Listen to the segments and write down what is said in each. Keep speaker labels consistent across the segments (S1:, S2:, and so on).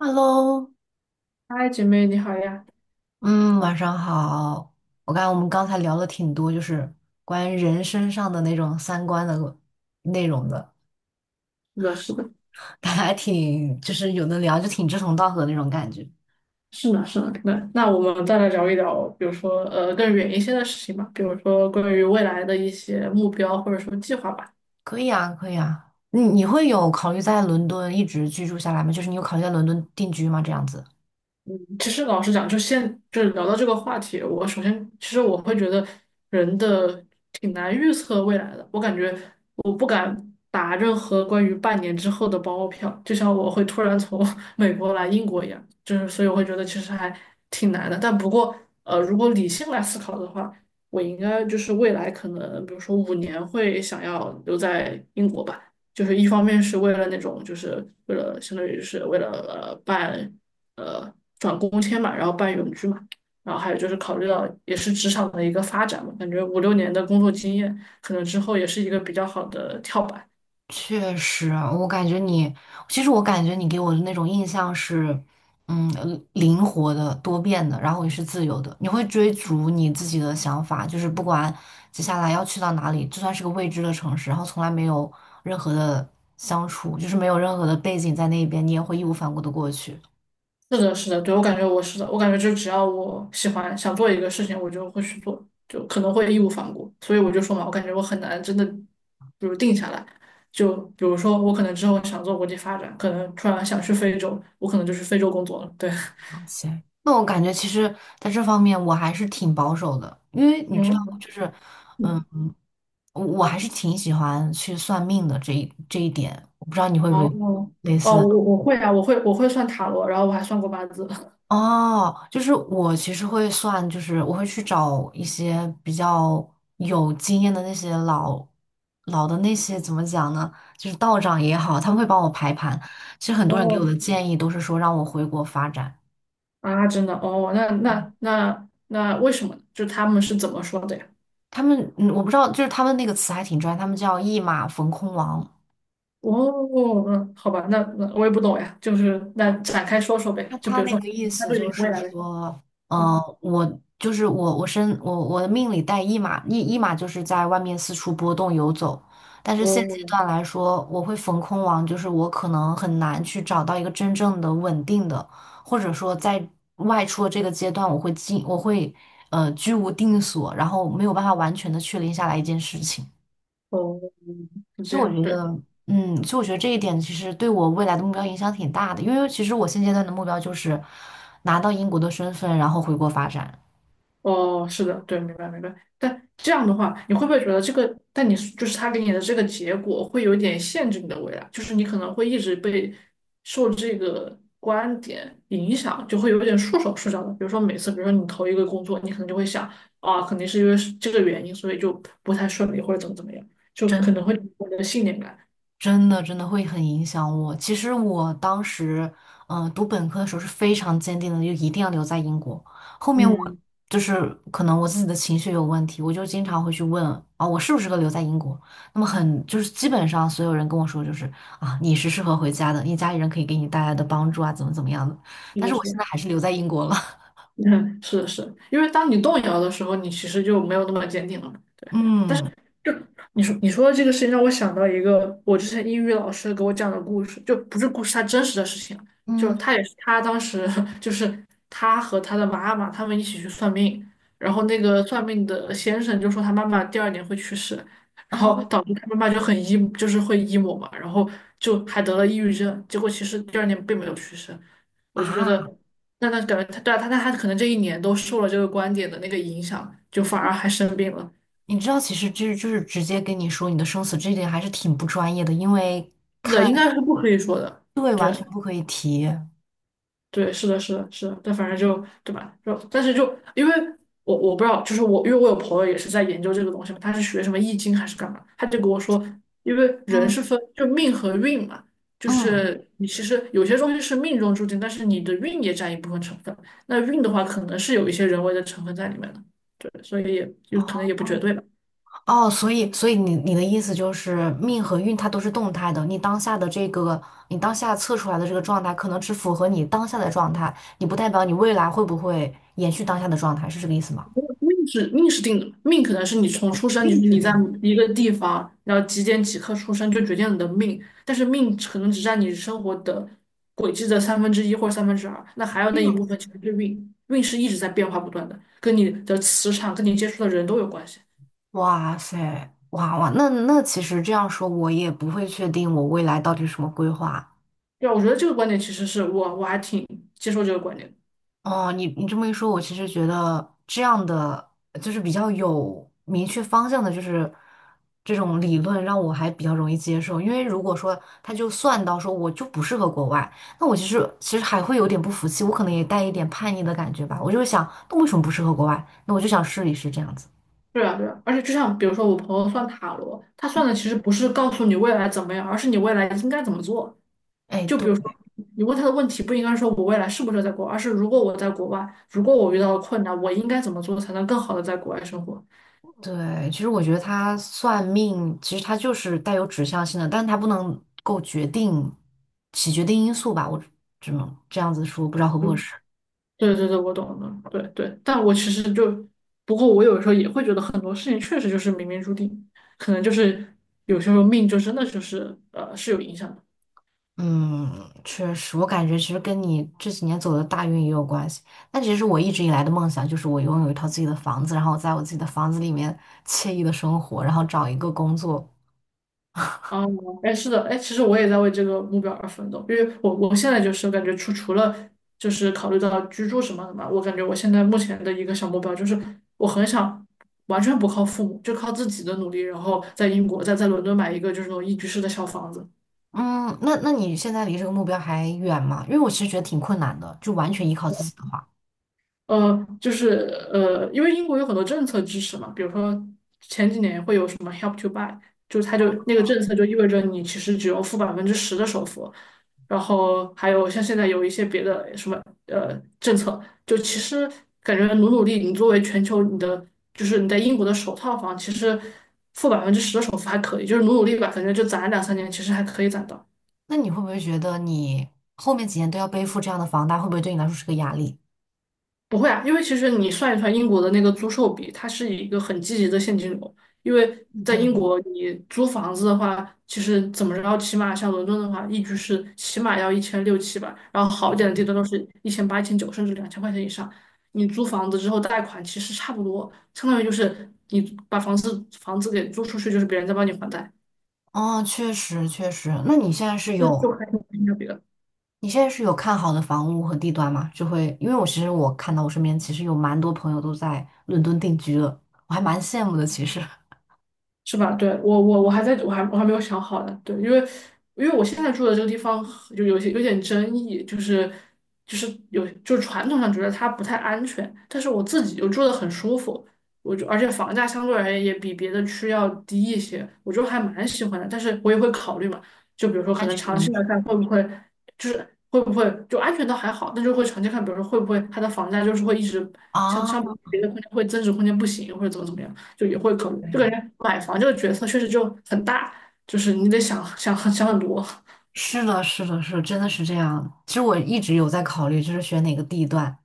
S1: Hello,
S2: 嗨，姐妹你好呀！
S1: 嗯，晚上好。我看我们刚才聊了挺多，关于人身上的那种三观的内容的，
S2: 是的，是的，
S1: 大家还挺就是有的聊，就挺志同道合的那种感觉。
S2: 是呢，是呢。那我们再来聊一聊，比如说更远一些的事情吧，比如说关于未来的一些目标或者说计划吧。
S1: 可以啊，可以啊。你会有考虑在伦敦一直居住下来吗？就是你有考虑在伦敦定居吗？这样子。
S2: 其实老实讲，就是聊到这个话题，我首先其实我会觉得人的挺难预测未来的。我感觉我不敢打任何关于半年之后的包票，就像我会突然从 美国来英国一样，就是所以我会觉得其实还挺难的。但不过如果理性来思考的话，我应该就是未来可能比如说5年会想要留在英国吧。就是一方面是为了那种，就是为了相当于是为了办呃转工签嘛，然后办永居嘛，然后还有就是考虑到也是职场的一个发展嘛，感觉5、6年的工作经验，可能之后也是一个比较好的跳板。
S1: 确实啊，我感觉你，其实我感觉你给我的那种印象是，嗯，灵活的、多变的，然后也是自由的。你会追逐你自己的想法，就是不管接下来要去到哪里，就算是个未知的城市，然后从来没有任何的相处，就是没有任何的背景在那边，你也会义无反顾的过去。
S2: 是的，是的，对，我感觉我是的，我感觉就只要我喜欢想做一个事情，我就会去做，就可能会义无反顾。所以我就说嘛，我感觉我很难真的，比如定下来。就比如说，我可能之后想做国际发展，可能突然想去非洲，我可能就去非洲工作了。对，
S1: 行，那我感觉其实在这方面我还是挺保守的，因为你知道，
S2: 嗯。
S1: 嗯，我还是挺喜欢去算命的这一点，我不知道你会不会
S2: 哦
S1: 类似
S2: 哦，
S1: 的。
S2: 我会啊，我会算塔罗，然后我还算过八字。
S1: 哦，就是我其实会算，就是我会去找一些比较有经验的那些老的那些怎么讲呢？就是道长也好，他们会帮我排盘。其实很多人给我
S2: 哦
S1: 的建议都是说让我回国发展。
S2: 啊，真的哦，那为什么呢就他们是怎么说的呀？
S1: 他们，嗯，我不知道，就是他们那个词还挺专业，他们叫"一马逢空王"。
S2: 哦，嗯，好吧，那我也不懂呀，就是那展开说说
S1: 他
S2: 呗，就比如
S1: 那
S2: 说
S1: 个意
S2: 他
S1: 思
S2: 对于
S1: 就
S2: 你未
S1: 是
S2: 来的，
S1: 说，
S2: 嗯，
S1: 我就是我，我身我我的命里带一马，一马就是在外面四处波动游走。但是现阶
S2: 哦
S1: 段来说，我会逢空王，就是我可能很难去找到一个真正的稳定的，或者说在外出的这个阶段，我会居无定所，然后没有办法完全的确定下来一件事情。
S2: 哦，是
S1: 所
S2: 这
S1: 以我
S2: 样，
S1: 觉
S2: 对。
S1: 得，这一点其实对我未来的目标影响挺大的，因为其实我现阶段的目标就是拿到英国的身份，然后回国发展。
S2: 哦，是的，对，明白明白。但这样的话，你会不会觉得这个？但你就是他给你的这个结果，会有点限制你的未来，就是你可能会一直被受这个观点影响，就会有点束手束脚的。比如说每次，比如说你投一个工作，你可能就会想啊，肯定是因为是这个原因，所以就不太顺利，或者怎么怎么样，就可能
S1: 真。
S2: 会有你的信念感。
S1: 真的真的会很影响我。其实我当时，读本科的时候是非常坚定的，就一定要留在英国。后面我
S2: 嗯，
S1: 可能我自己的情绪有问题，我就经常会去问啊，我适不适合留在英国？那么很就是基本上所有人跟我说就是啊，你是适合回家的，你家里人可以给你带来的帮助啊，怎么怎么样的。
S2: 是
S1: 但
S2: 的，
S1: 是
S2: 是
S1: 我现
S2: 的，
S1: 在还是留在英国了。
S2: 嗯，是的，是的，因为当你动摇的时候，你其实就没有那么坚定了嘛。
S1: 嗯。
S2: 你说的这个事情让我想到一个我之前英语老师给我讲的故事，就不是故事，他真实的事情，就
S1: 嗯。
S2: 他也是他当时 就是他和他的妈妈他们一起去算命，然后那个算命的先生就说他妈妈第二年会去世，然后
S1: 哦。
S2: 导致他妈妈就很 emo，就是会 emo 嘛，然后就还得了抑郁症，结果其实第二年并没有去世，我就觉得
S1: 啊，
S2: 那他感觉他对啊他可能这一年都受了这个观点的那个影响，就反而还生病了。
S1: 你知道，其实直接跟你说你的生死，这一点还是挺不专业的，因为。
S2: 那应该是不可以说的。
S1: 对，完全
S2: 对，
S1: 不可以提。
S2: 对，是的，是的，是的。但反正就，对吧？就，但是就，因为我不知道，就是我，因为我有朋友也是在研究这个东西嘛，他是学什么易经还是干嘛，他就跟我说，因为人
S1: 嗯。
S2: 是分就命和运嘛，就
S1: 嗯。
S2: 是你其实有些东西是命中注定，但是你的运也占一部分成分。那运的话，可能是有一些人为的成分在里面的。对，所以也就可能
S1: 哦。
S2: 也不绝对吧。
S1: 哦，所以你的意思就是命和运它都是动态的，你当下的这个你当下测出来的这个状态，可能只符合你当下的状态，你不代表你未来会不会延续当下的状态，是这个意思吗？
S2: 命是定的，命可能是你从出生，就是
S1: 命制
S2: 你在
S1: 定。
S2: 一个地方，然后几点几刻出生就决定了你的命，但是命可能只占你生活的轨迹的三分之一或者三分之二，那还有
S1: 这
S2: 那一
S1: 样
S2: 部
S1: 子，
S2: 分其实是运，运是一直在变化不断的，跟你的磁场、跟你接触的人都有关系。
S1: 哇塞，哇哇，那那其实这样说，我也不会确定我未来到底是什么规划。
S2: 对啊，我觉得这个观点其实是我还挺接受这个观点的
S1: 哦，你你这么一说，我其实觉得这样的就是比较有明确方向的，就是这种理论让我还比较容易接受。因为如果说他就算到说我就不适合国外，那我其实还会有点不服气，我可能也带一点叛逆的感觉吧。我就会想，那为什么不适合国外？那我就想试一试这样子。
S2: 对啊，对啊，而且就像比如说我朋友算塔罗，他算的其实不是告诉你未来怎么样，而是你未来应该怎么做。
S1: 哎，
S2: 就
S1: 对。
S2: 比如说，你问他的问题不应该说我未来是不是合在国外，而是如果我在国外，如果我遇到了困难，我应该怎么做才能更好的在国外生活？
S1: 对，其实我觉得他算命，其实他就是带有指向性的，但是他不能够决定起决定因素吧？我只能这样子说，不知道合不合
S2: 嗯，
S1: 适。
S2: 对对对，我懂了，对对。但我其实就，不过我有时候也会觉得很多事情确实就是冥冥注定，可能就是有些时候命就真的就是是有影响的。
S1: 嗯，确实，我感觉其实跟你这几年走的大运也有关系。但其实我一直以来的梦想就是我拥有一套自己的房子，然后我在我自己的房子里面惬意的生活，然后找一个工作。
S2: 哦，哎，是的，哎，其实我也在为这个目标而奋斗，因为我现在就是感觉除了就是考虑到居住什么的嘛，我感觉我现在目前的一个小目标就是我很想完全不靠父母，就靠自己的努力，然后在英国在伦敦买一个就是那种一居室的小房子，
S1: 嗯，那那你现在离这个目标还远吗？因为我其实觉得挺困难的，就完全依靠自己的话，
S2: 就是因为英国有很多政策支持嘛，比如说前几年会有什么 Help to Buy，就是它就那个政策就意味着你其实只用付百分之十的首付，然后还有像现在有一些别的什么政策，就其实感觉努努力，你作为全球你的就是你在英国的首套房，其实付百分之十的首付还可以，就是努努力吧，感觉就攒2、3年，其实还可以攒到。
S1: 那你会不会觉得你后面几年都要背负这样的房贷，会不会对你来说是个压力？
S2: 不会啊，因为其实你算一算英国的那个租售比，它是一个很积极的现金流。因为在
S1: 对，
S2: 英国，你租房子的话，其实怎么着，起码像伦敦的话，一居室起码要一千六七吧，然后好一点的地段都是1800、1900，甚至2000块钱以上。你租房子之后贷款其实差不多，相当于就是你把房子给租出去，就是别人在帮你还贷，
S1: 哦，确实确实。那你现在是
S2: 这
S1: 有
S2: 就还挺性价比的。
S1: 看好的房屋和地段吗？就会，因为我其实我看到我身边其实有蛮多朋友都在伦敦定居了，我还蛮羡慕的。其实
S2: 是吧？对，我我我还在我还我还没有想好呢。对，因为我现在住的这个地方就有点争议，就是就是有就是传统上觉得它不太安全，但是我自己就住得很舒服，我就而且房价相对而言也比别的区要低一些，我就还蛮喜欢的。但是我也会考虑嘛，就比如说可
S1: 安
S2: 能
S1: 全
S2: 长
S1: 问
S2: 期来
S1: 题
S2: 看就是会不会就安全倒还好，但就会长期看，比如说会不会它的房价就是会一直 像
S1: 啊，
S2: 像别的空间会增值空间不行，或者怎么怎么样。就也会考虑。就感觉买房这个决策确实就很大，就是你得想想很多。
S1: 是的，是的，真的是这样。其实我一直有在考虑，就是选哪个地段。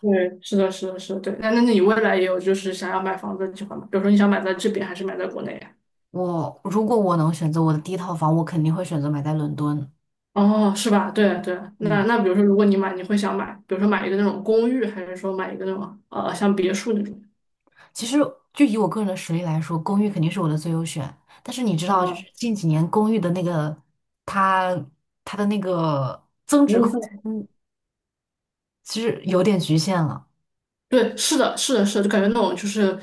S2: 对，是的，是的，是的，对。那你未来也有就是想要买房子的计划吗？比如说你想买在这边还是买在国内呀？
S1: 我如果我能选择我的第一套房，我肯定会选择买在伦敦。
S2: 哦，是吧？对对。那
S1: 嗯，
S2: 那比如说如果你买，你会想买，比如说买一个那种公寓，还是说买一个那种像别墅那种？
S1: 其实就以我个人的实力来说，公寓肯定是我的最优选。但是你知道，就是
S2: 啊，
S1: 近几年公寓的那个它它的那个增
S2: 服
S1: 值
S2: 务
S1: 空
S2: 费。
S1: 间。其实有点局限了。
S2: 对，是的，是的，是的，就感觉那种就是，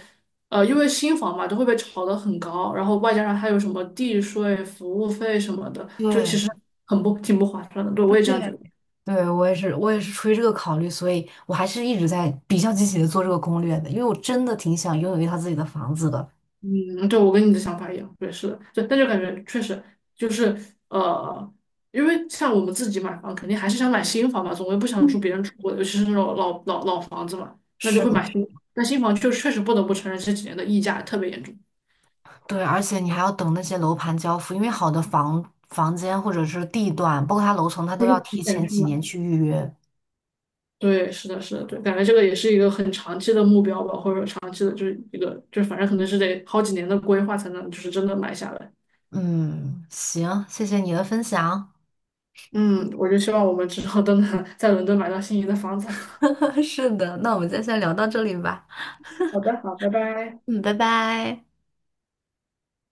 S2: 因为新房嘛，都会被炒得很高，然后外加上还有什么地税、服务费什么的，就其
S1: 对，
S2: 实很不挺不划算的。对，我
S1: 对，
S2: 也这样觉得。
S1: 对，我也是，出于这个考虑，所以我还是一直在比较积极的做这个攻略的，因为我真的挺想拥有一套自己的房子的。
S2: 嗯，对，我跟你的想法一样。对，是的，对，但就感觉确实就是呃，因为像我们自己买房，肯定还是想买新房嘛，总归不想住
S1: 嗯，
S2: 别人住过的，尤其是那种老房子嘛，那就
S1: 是
S2: 会
S1: 的，
S2: 买新房但新房就确实不得不承认这几年的溢价特别严重。
S1: 对，而且你还要等那些楼盘交付，因为好的房间或者是地段，包括它楼层，它都
S2: 就是
S1: 要
S2: 提
S1: 提
S2: 前
S1: 前
S2: 去
S1: 几
S2: 买。
S1: 年去预约。
S2: 对，是的，是的，对，感觉这个也是一个很长期的目标吧，或者说长期的，就是一个，就是反正可能是得好几年的规划才能，就是真的买下来。
S1: 嗯，行，谢谢你的分享。
S2: 嗯，我就希望我们之后都能 在伦敦买到心仪的房子。
S1: 是的，那我们今天先聊到这里吧。
S2: 好的，好，拜拜。
S1: 嗯，拜拜。